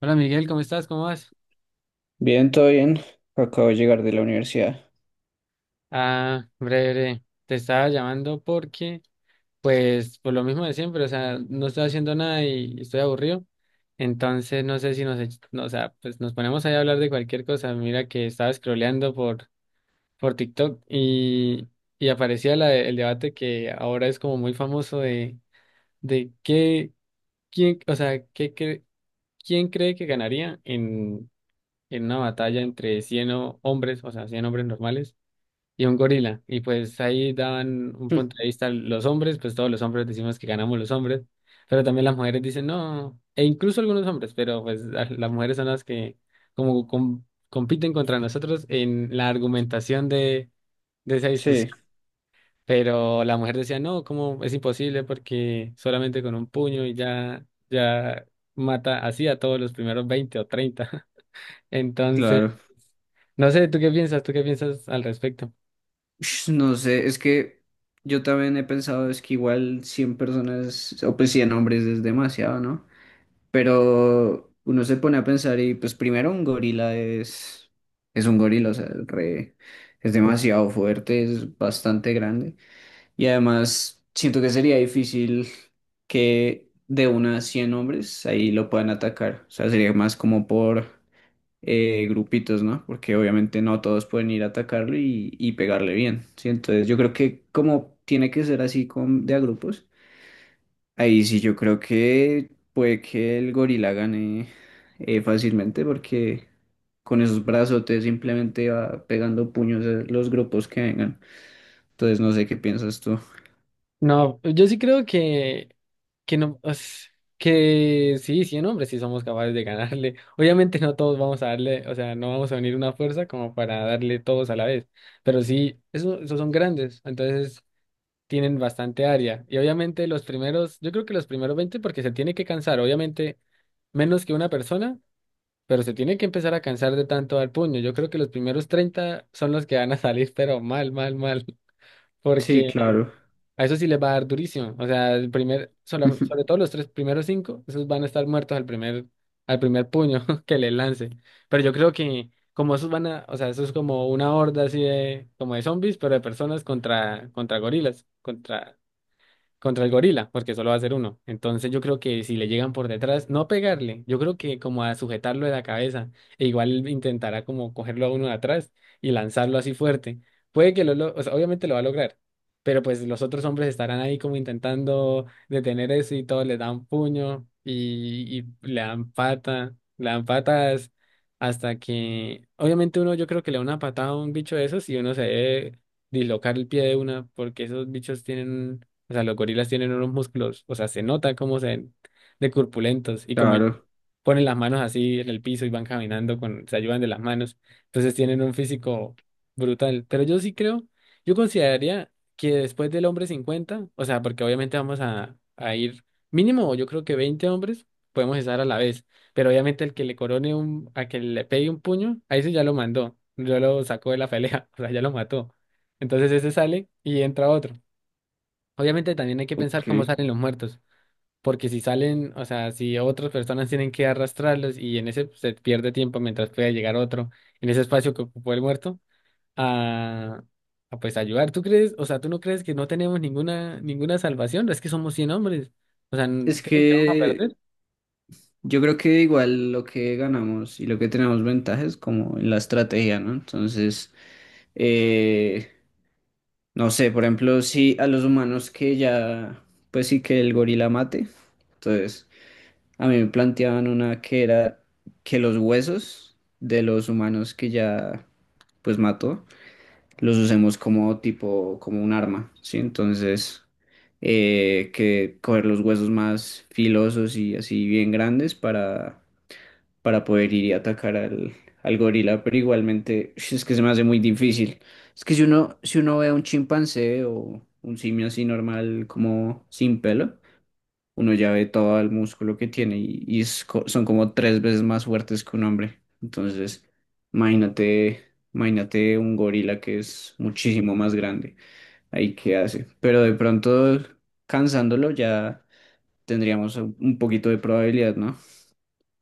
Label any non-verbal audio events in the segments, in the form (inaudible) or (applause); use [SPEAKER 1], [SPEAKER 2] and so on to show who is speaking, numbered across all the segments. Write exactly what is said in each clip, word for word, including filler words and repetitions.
[SPEAKER 1] Hola, Miguel, ¿cómo estás? ¿Cómo vas?
[SPEAKER 2] Bien, todo bien. Acabo de llegar de la universidad.
[SPEAKER 1] Ah, breve. Te estaba llamando porque, pues, por lo mismo de siempre, o sea, no estoy haciendo nada y estoy aburrido. Entonces, no sé si nos, ech- no, o sea, pues nos ponemos ahí a hablar de cualquier cosa. Mira que estaba scrolleando por, por TikTok, y, y aparecía la de- el debate que ahora es como muy famoso de, de qué, quién, o sea, qué, cre- quién cree que ganaría en, en una batalla entre cien o- hombres, o sea, cien hombres normales y un gorila. Y pues ahí daban un
[SPEAKER 2] Hm.
[SPEAKER 1] punto de vista los hombres, pues todos los hombres decimos que ganamos los hombres, pero también las mujeres dicen no, e incluso algunos hombres, pero pues la- las mujeres son las que como com- compiten contra nosotros en la argumentación de, de esa discusión.
[SPEAKER 2] Sí,
[SPEAKER 1] Pero la mujer decía no, como es imposible, porque solamente con un puño y ya, ya mata así a todos los primeros veinte o treinta. (laughs) Entonces,
[SPEAKER 2] claro.
[SPEAKER 1] no sé, ¿tú qué piensas? ¿Tú qué piensas al respecto?
[SPEAKER 2] Ush, no sé, es que yo también he pensado, es que igual cien personas, o pues cien hombres es demasiado, ¿no? Pero uno se pone a pensar y pues primero un gorila es, es un gorila, o sea, re- es demasiado fuerte, es bastante grande. Y además siento que sería difícil que de unas cien hombres ahí lo puedan atacar. O sea, sería más como por... eh, grupitos, ¿no? Porque obviamente no todos pueden ir a atacarlo y, y pegarle bien, ¿sí? Entonces yo creo que como tiene que ser así con, de a grupos, ahí sí yo creo que puede que el gorila gane eh, fácilmente, porque con esos brazotes simplemente va pegando puños a los grupos que vengan. Entonces no sé qué piensas tú.
[SPEAKER 1] No, yo sí creo que, que no, es- que sí, cien hombres sí somos capaces de ganarle. (laughs) Obviamente no todos vamos a darle, o sea, no vamos a unir una fuerza como para darle todos a la vez, pero sí, eso, esos son grandes, entonces tienen bastante área. Y obviamente los primeros, yo creo que los primeros veinte, porque se tiene que cansar, obviamente menos que una persona, pero se tiene que empezar a cansar de tanto al puño. Yo creo que los primeros treinta son los que van a salir, (laughs) pero mal, mal, mal, (laughs)
[SPEAKER 2] Sí,
[SPEAKER 1] porque...
[SPEAKER 2] claro.
[SPEAKER 1] A eso sí les va a dar durísimo. O sea, el primer, sobre, sobre
[SPEAKER 2] (laughs)
[SPEAKER 1] todo los tres primeros cinco, esos van a estar muertos al primer, al primer puño (laughs) que les lance. Pero yo creo que como esos van a, o sea, eso es como una horda así de, como de zombies, pero de personas contra, contra gorilas, contra contra el gorila, porque solo va a ser uno. Entonces yo creo que si le llegan por detrás, no pegarle, yo creo que como a sujetarlo de la cabeza, e igual intentará como cogerlo a uno de atrás y lanzarlo así fuerte. Puede que lo, lo- o sea, obviamente lo va a lograr, pero pues los otros hombres estarán ahí como intentando detener eso y todos le dan puño y, y le dan pata, le dan patas hasta que, obviamente, uno, yo creo que le da una patada a un bicho de esos y uno se debe dislocar el pie de una, porque esos bichos tienen, o sea, los gorilas tienen unos músculos, o sea, se nota cómo se ven de corpulentos, y como ellos
[SPEAKER 2] Claro,
[SPEAKER 1] ponen las manos así en el piso y van caminando con, se ayudan de las manos. Entonces tienen un físico brutal. Pero yo sí creo, yo consideraría que después del hombre cincuenta, o sea, porque obviamente vamos a, a ir mínimo, yo creo que veinte hombres podemos estar a la vez. Pero obviamente el que le corone un, a que le pegue un puño, a ese ya lo mandó, ya lo sacó de la pelea, (laughs) o sea, ya lo mató. Entonces ese sale y entra otro. Obviamente también hay que pensar
[SPEAKER 2] ok.
[SPEAKER 1] cómo salen los muertos, porque si salen, o sea, si otras personas tienen que arrastrarlos, y en ese pues, se pierde tiempo mientras pueda llegar otro en ese espacio que ocupó el muerto a, a, pues ayudar. ¿Tú crees, o sea, tú no crees que no tenemos ninguna ninguna salvación? Es que somos cien hombres. O sea, ¿n-
[SPEAKER 2] Es
[SPEAKER 1] ¿crees que vamos a
[SPEAKER 2] que
[SPEAKER 1] perder?
[SPEAKER 2] yo creo que igual lo que ganamos y lo que tenemos ventaja es como en la estrategia, ¿no? Entonces, eh, no sé, por ejemplo, si a los humanos que ya, pues sí que el gorila mate, entonces a mí me planteaban una que era que los huesos de los humanos que ya, pues mató, los usemos como tipo, como un arma, ¿sí? Entonces, eh, que coger los huesos más filosos y así bien grandes para para poder ir y atacar al, al gorila, pero igualmente ush, es que se me hace muy difícil. Es que si uno, si uno ve a un chimpancé o un simio así normal, como sin pelo, uno ya ve todo el músculo que tiene y, y es co- son como tres veces más fuertes que un hombre. Entonces, imagínate, imagínate un gorila que es muchísimo más grande. Ahí qué hace. Pero de pronto, cansándolo, ya tendríamos un un poquito de probabilidad, ¿no?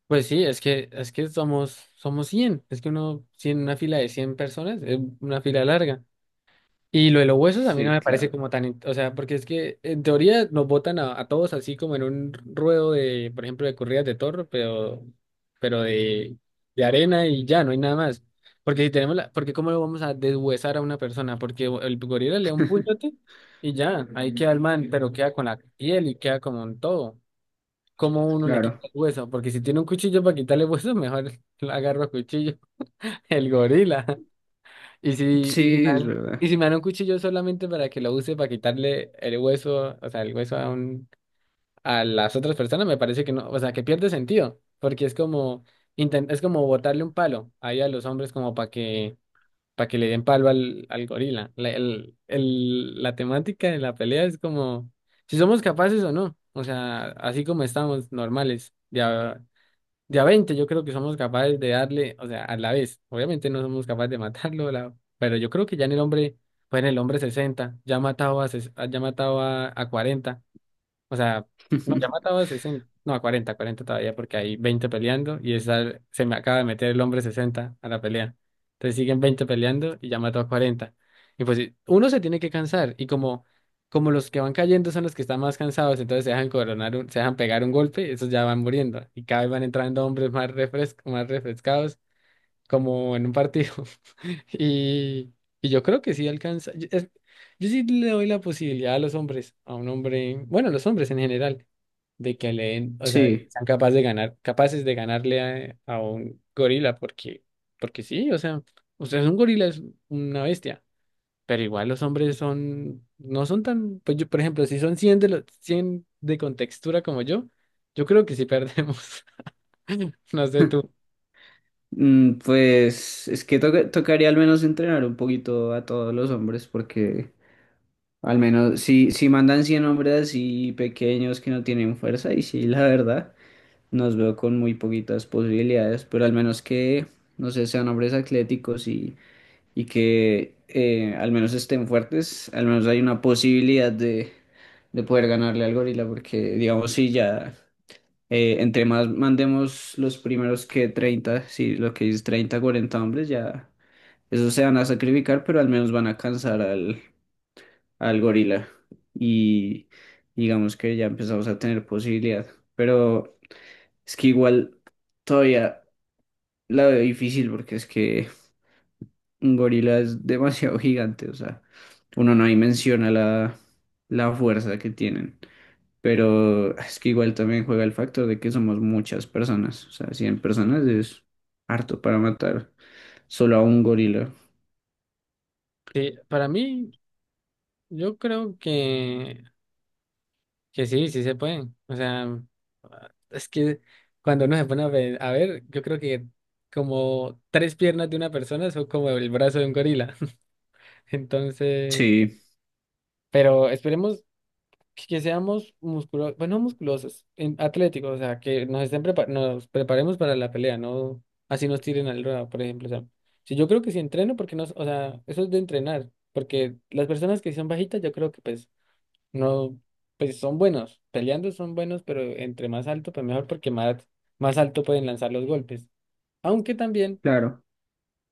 [SPEAKER 1] Pues sí, es que es que somos somos cien, es que uno, cien, una fila de cien personas es una fila larga. Y lo de los huesos a mí no
[SPEAKER 2] Sí,
[SPEAKER 1] me parece
[SPEAKER 2] claro.
[SPEAKER 1] como tan, in- o sea, porque es que en teoría nos botan a, a todos, así como en un ruedo de, por ejemplo, de corridas de toro, pero, pero, de, de arena y ya, no hay nada más. Porque si tenemos la, porque cómo lo vamos a deshuesar a una persona, porque el gorila le da un puñote
[SPEAKER 2] (laughs)
[SPEAKER 1] y ya, ahí queda el man, pero queda con la piel y queda como un todo. ¿Cómo uno le quita
[SPEAKER 2] Claro.
[SPEAKER 1] el hueso? Porque si tiene un cuchillo para quitarle hueso, mejor (laughs) lo agarro a cuchillo, (laughs) el gorila. Y si, y si me
[SPEAKER 2] Sí, es
[SPEAKER 1] dan,
[SPEAKER 2] verdad.
[SPEAKER 1] y si me dan un cuchillo solamente para que lo use para quitarle el hueso, o sea, el hueso a un, a las otras personas, me parece que no, o sea, que pierde sentido, porque es como, inten- es como botarle un palo ahí a los hombres como para que, para que le den palo al, al gorila. La, el, el- la temática de la pelea es como, si somos capaces o no, o sea, así como estamos normales, de, de a veinte yo creo que somos capaces de darle, o sea, a la vez. Obviamente no somos capaces de matarlo, la- pero yo creo que ya en el hombre, pues en el hombre sesenta ya ha matado a, ses- ya ha matado a, a cuarenta, o sea, no,
[SPEAKER 2] (laughs)
[SPEAKER 1] Yamata sesenta no, a cuarenta cuarenta todavía, porque hay veinte peleando y esa, se me acaba de meter el hombre sesenta a la pelea. Entonces siguen veinte peleando y Yamato a cuarenta. Y pues sí, uno se tiene que cansar y como, como los que van cayendo son los que están más cansados, entonces se dejan coronar, un- se dejan pegar un golpe, esos ya van muriendo y cada vez van entrando hombres más refrescos, más refrescados, como en un partido. (laughs) Y, y yo creo que sí alcanza. Yo, es- yo sí le doy la posibilidad a los hombres, a un hombre, bueno, a los hombres en general, de que le den, o sea, de que
[SPEAKER 2] Sí.
[SPEAKER 1] sean capaces de ganar, capaces de ganarle a, a un gorila, porque, porque sí, o sea, usted es un gorila, es una bestia. Pero igual los hombres son, no son tan, pues yo, por ejemplo, si son cien de los cien de contextura como yo, yo creo que sí perdemos. (laughs) No sé tú.
[SPEAKER 2] Mm, pues es que toca- tocaría al menos entrenar un poquito a todos los hombres porque al menos si, si mandan cien hombres así pequeños que no tienen fuerza y sí, la verdad, nos veo con muy poquitas posibilidades, pero al menos que, no sé, sean hombres atléticos y, y que eh, al menos estén fuertes, al menos hay una posibilidad de, de poder ganarle al gorila porque digamos si ya... Eh, entre más mandemos los primeros que treinta sí, lo que dice treinta cuarenta hombres, ya esos se van a sacrificar, pero al menos van a cansar al, al gorila. Y digamos que ya empezamos a tener posibilidad. Pero es que igual todavía la veo difícil porque es que un gorila es demasiado (laughs) gigante, o sea, uno no dimensiona la, la fuerza que tienen. Pero es que igual también juega el factor de que somos muchas personas. O sea, cien personas es harto para matar solo a un gorila.
[SPEAKER 1] Sí, para mí. Yo creo que, que sí, sí se puede. O sea, es que cuando uno se pone a ver, a ver, yo creo que como tres piernas de una persona son como el brazo de un gorila. (laughs) Entonces,
[SPEAKER 2] Sí,
[SPEAKER 1] pero esperemos que, que seamos musculosos, bueno, no musculosos, en- atléticos, o sea, que nos estén prepa- nos preparemos para la pelea, no así nos tiren al ruedo, por ejemplo. O sea, si yo creo que si entreno, porque no, o sea, eso es de entrenar, porque las personas que son bajitas, yo creo que pues no, pues son buenos, peleando son buenos, pero entre más alto, pues mejor, porque más, más alto pueden lanzar los golpes. Aunque también
[SPEAKER 2] claro.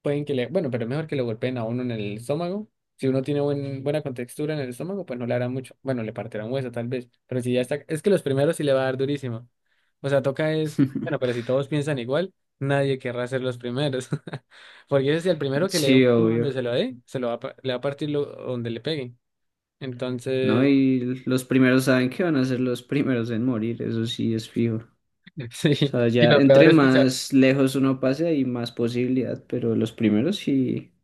[SPEAKER 1] pueden que le, bueno, pero es mejor que le golpeen a uno en el estómago. Si uno tiene buen, buena contextura en el estómago, pues no le hará mucho. Bueno, le partirá un hueso tal vez, pero si ya está, es que los primeros sí le va a dar durísimo. O sea, toca es, bueno, pero
[SPEAKER 2] (laughs)
[SPEAKER 1] si todos piensan igual, nadie querrá ser los primeros. (laughs) Porque ese es el primero que le dé un
[SPEAKER 2] Sí,
[SPEAKER 1] puño, donde
[SPEAKER 2] obvio.
[SPEAKER 1] se lo dé, se lo va, a pa- le va a partir lo- donde le pegue.
[SPEAKER 2] ¿No?
[SPEAKER 1] Entonces...
[SPEAKER 2] Y los primeros saben que van a ser los primeros en morir, eso sí es fijo. O
[SPEAKER 1] (laughs) Sí,
[SPEAKER 2] sea,
[SPEAKER 1] y
[SPEAKER 2] ya
[SPEAKER 1] lo peor
[SPEAKER 2] entre
[SPEAKER 1] es que se,
[SPEAKER 2] más lejos uno pase hay más posibilidad, pero los primeros sí,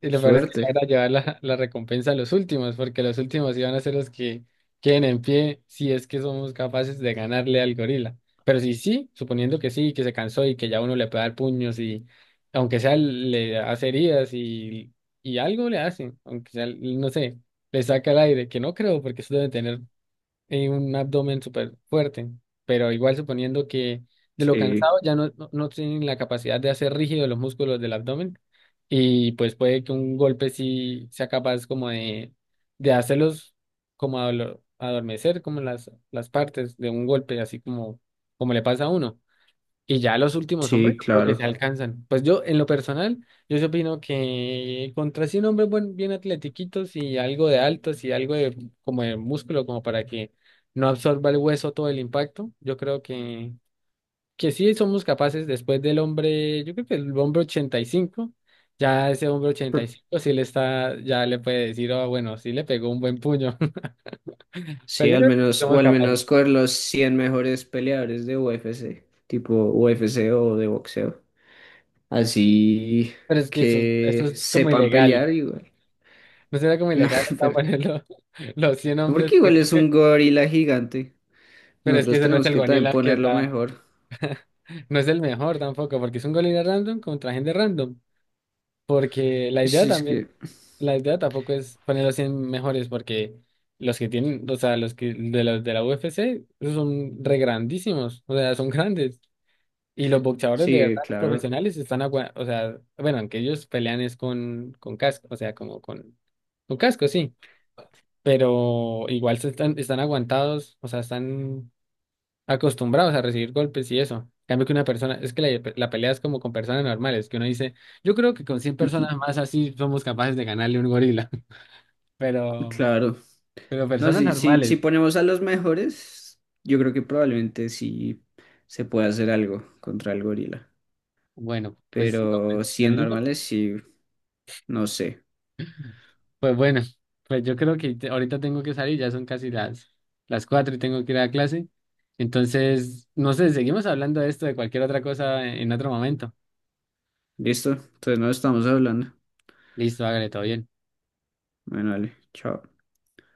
[SPEAKER 1] y lo peor es que se
[SPEAKER 2] suerte.
[SPEAKER 1] van a llevar la, la recompensa a los últimos, porque los últimos iban a ser los que queden en pie si es que somos capaces de ganarle al gorila. Pero si sí, suponiendo que sí, que se cansó y que ya uno le puede dar puños y aunque sea le hace heridas y, y algo le hacen, aunque sea, no sé, le saca el aire, que no creo, porque eso debe tener eh, un abdomen súper fuerte, pero igual suponiendo que de lo
[SPEAKER 2] Sí,
[SPEAKER 1] cansado ya no, no, no tienen la capacidad de hacer rígidos los músculos del abdomen, y pues puede que un golpe sí sea capaz como de, de hacerlos como adolo- adormecer como las, las partes de un golpe, así como, como le pasa a uno. Y ya los últimos hombres
[SPEAKER 2] sí,
[SPEAKER 1] creo que se
[SPEAKER 2] claro.
[SPEAKER 1] alcanzan. Pues yo, en lo personal, yo sí opino que contra cien hombres buen- bien atletiquitos y algo de altos y algo de como de músculo, como para que no absorba el hueso todo el impacto, yo creo que, que sí somos capaces después del hombre, yo creo que el hombre ochenta y cinco, ya ese hombre ochenta y cinco sí le está, ya le puede decir, oh, bueno, sí le pegó un buen puño. (laughs) Pero
[SPEAKER 2] Sí,
[SPEAKER 1] yo
[SPEAKER 2] al
[SPEAKER 1] creo que sí
[SPEAKER 2] menos, o
[SPEAKER 1] somos
[SPEAKER 2] al
[SPEAKER 1] capaces.
[SPEAKER 2] menos con los cien mejores peleadores de U F C, tipo U F C o de boxeo. Así
[SPEAKER 1] Pero es que eso, eso
[SPEAKER 2] que
[SPEAKER 1] es como
[SPEAKER 2] sepan
[SPEAKER 1] ilegal.
[SPEAKER 2] pelear igual. (laughs)
[SPEAKER 1] No sería como
[SPEAKER 2] No,
[SPEAKER 1] ilegal acá (laughs)
[SPEAKER 2] pero,
[SPEAKER 1] ponerlo los cien
[SPEAKER 2] no,
[SPEAKER 1] hombres,
[SPEAKER 2] porque igual
[SPEAKER 1] porque es
[SPEAKER 2] es
[SPEAKER 1] que-
[SPEAKER 2] un gorila gigante.
[SPEAKER 1] pero es que
[SPEAKER 2] Nosotros
[SPEAKER 1] ese no es
[SPEAKER 2] tenemos
[SPEAKER 1] el
[SPEAKER 2] que también
[SPEAKER 1] gorila que
[SPEAKER 2] ponerlo
[SPEAKER 1] está,
[SPEAKER 2] mejor.
[SPEAKER 1] no es el mejor tampoco, porque es un gorila random contra gente random, porque la idea
[SPEAKER 2] Si es
[SPEAKER 1] también,
[SPEAKER 2] que,
[SPEAKER 1] la idea tampoco es poner los cien mejores, porque los que tienen, o sea, los que de los de la U F C, esos son re grandísimos, o sea, son grandes, y los boxeadores de
[SPEAKER 2] sí,
[SPEAKER 1] verdad, los
[SPEAKER 2] claro,
[SPEAKER 1] profesionales están, agua- o sea, bueno, aunque ellos pelean es con, con casco, o sea, como con, con casco, sí, pero igual se están, están aguantados, o sea, están acostumbrados a recibir golpes y eso. En cambio que una persona, es que la, la pelea es como con personas normales, que uno dice, yo creo que con cien
[SPEAKER 2] (laughs)
[SPEAKER 1] personas más así somos capaces de ganarle a un gorila, (laughs) pero,
[SPEAKER 2] claro.
[SPEAKER 1] pero
[SPEAKER 2] No,
[SPEAKER 1] personas
[SPEAKER 2] si, si, si
[SPEAKER 1] normales,
[SPEAKER 2] ponemos a los mejores, yo creo que probablemente sí se puede hacer algo contra el gorila.
[SPEAKER 1] bueno, pues sí, hombre,
[SPEAKER 2] Pero
[SPEAKER 1] yo lo
[SPEAKER 2] cien
[SPEAKER 1] intento.
[SPEAKER 2] normales, sí, no sé.
[SPEAKER 1] Pues bueno, pues yo creo que te- ahorita tengo que salir, ya son casi las, las cuatro y tengo que ir a clase. Entonces, no sé, seguimos hablando de esto, de cualquier otra cosa en en otro momento.
[SPEAKER 2] Listo, entonces no estamos hablando.
[SPEAKER 1] Listo, hágale, todo bien.
[SPEAKER 2] Bueno, vale, chao.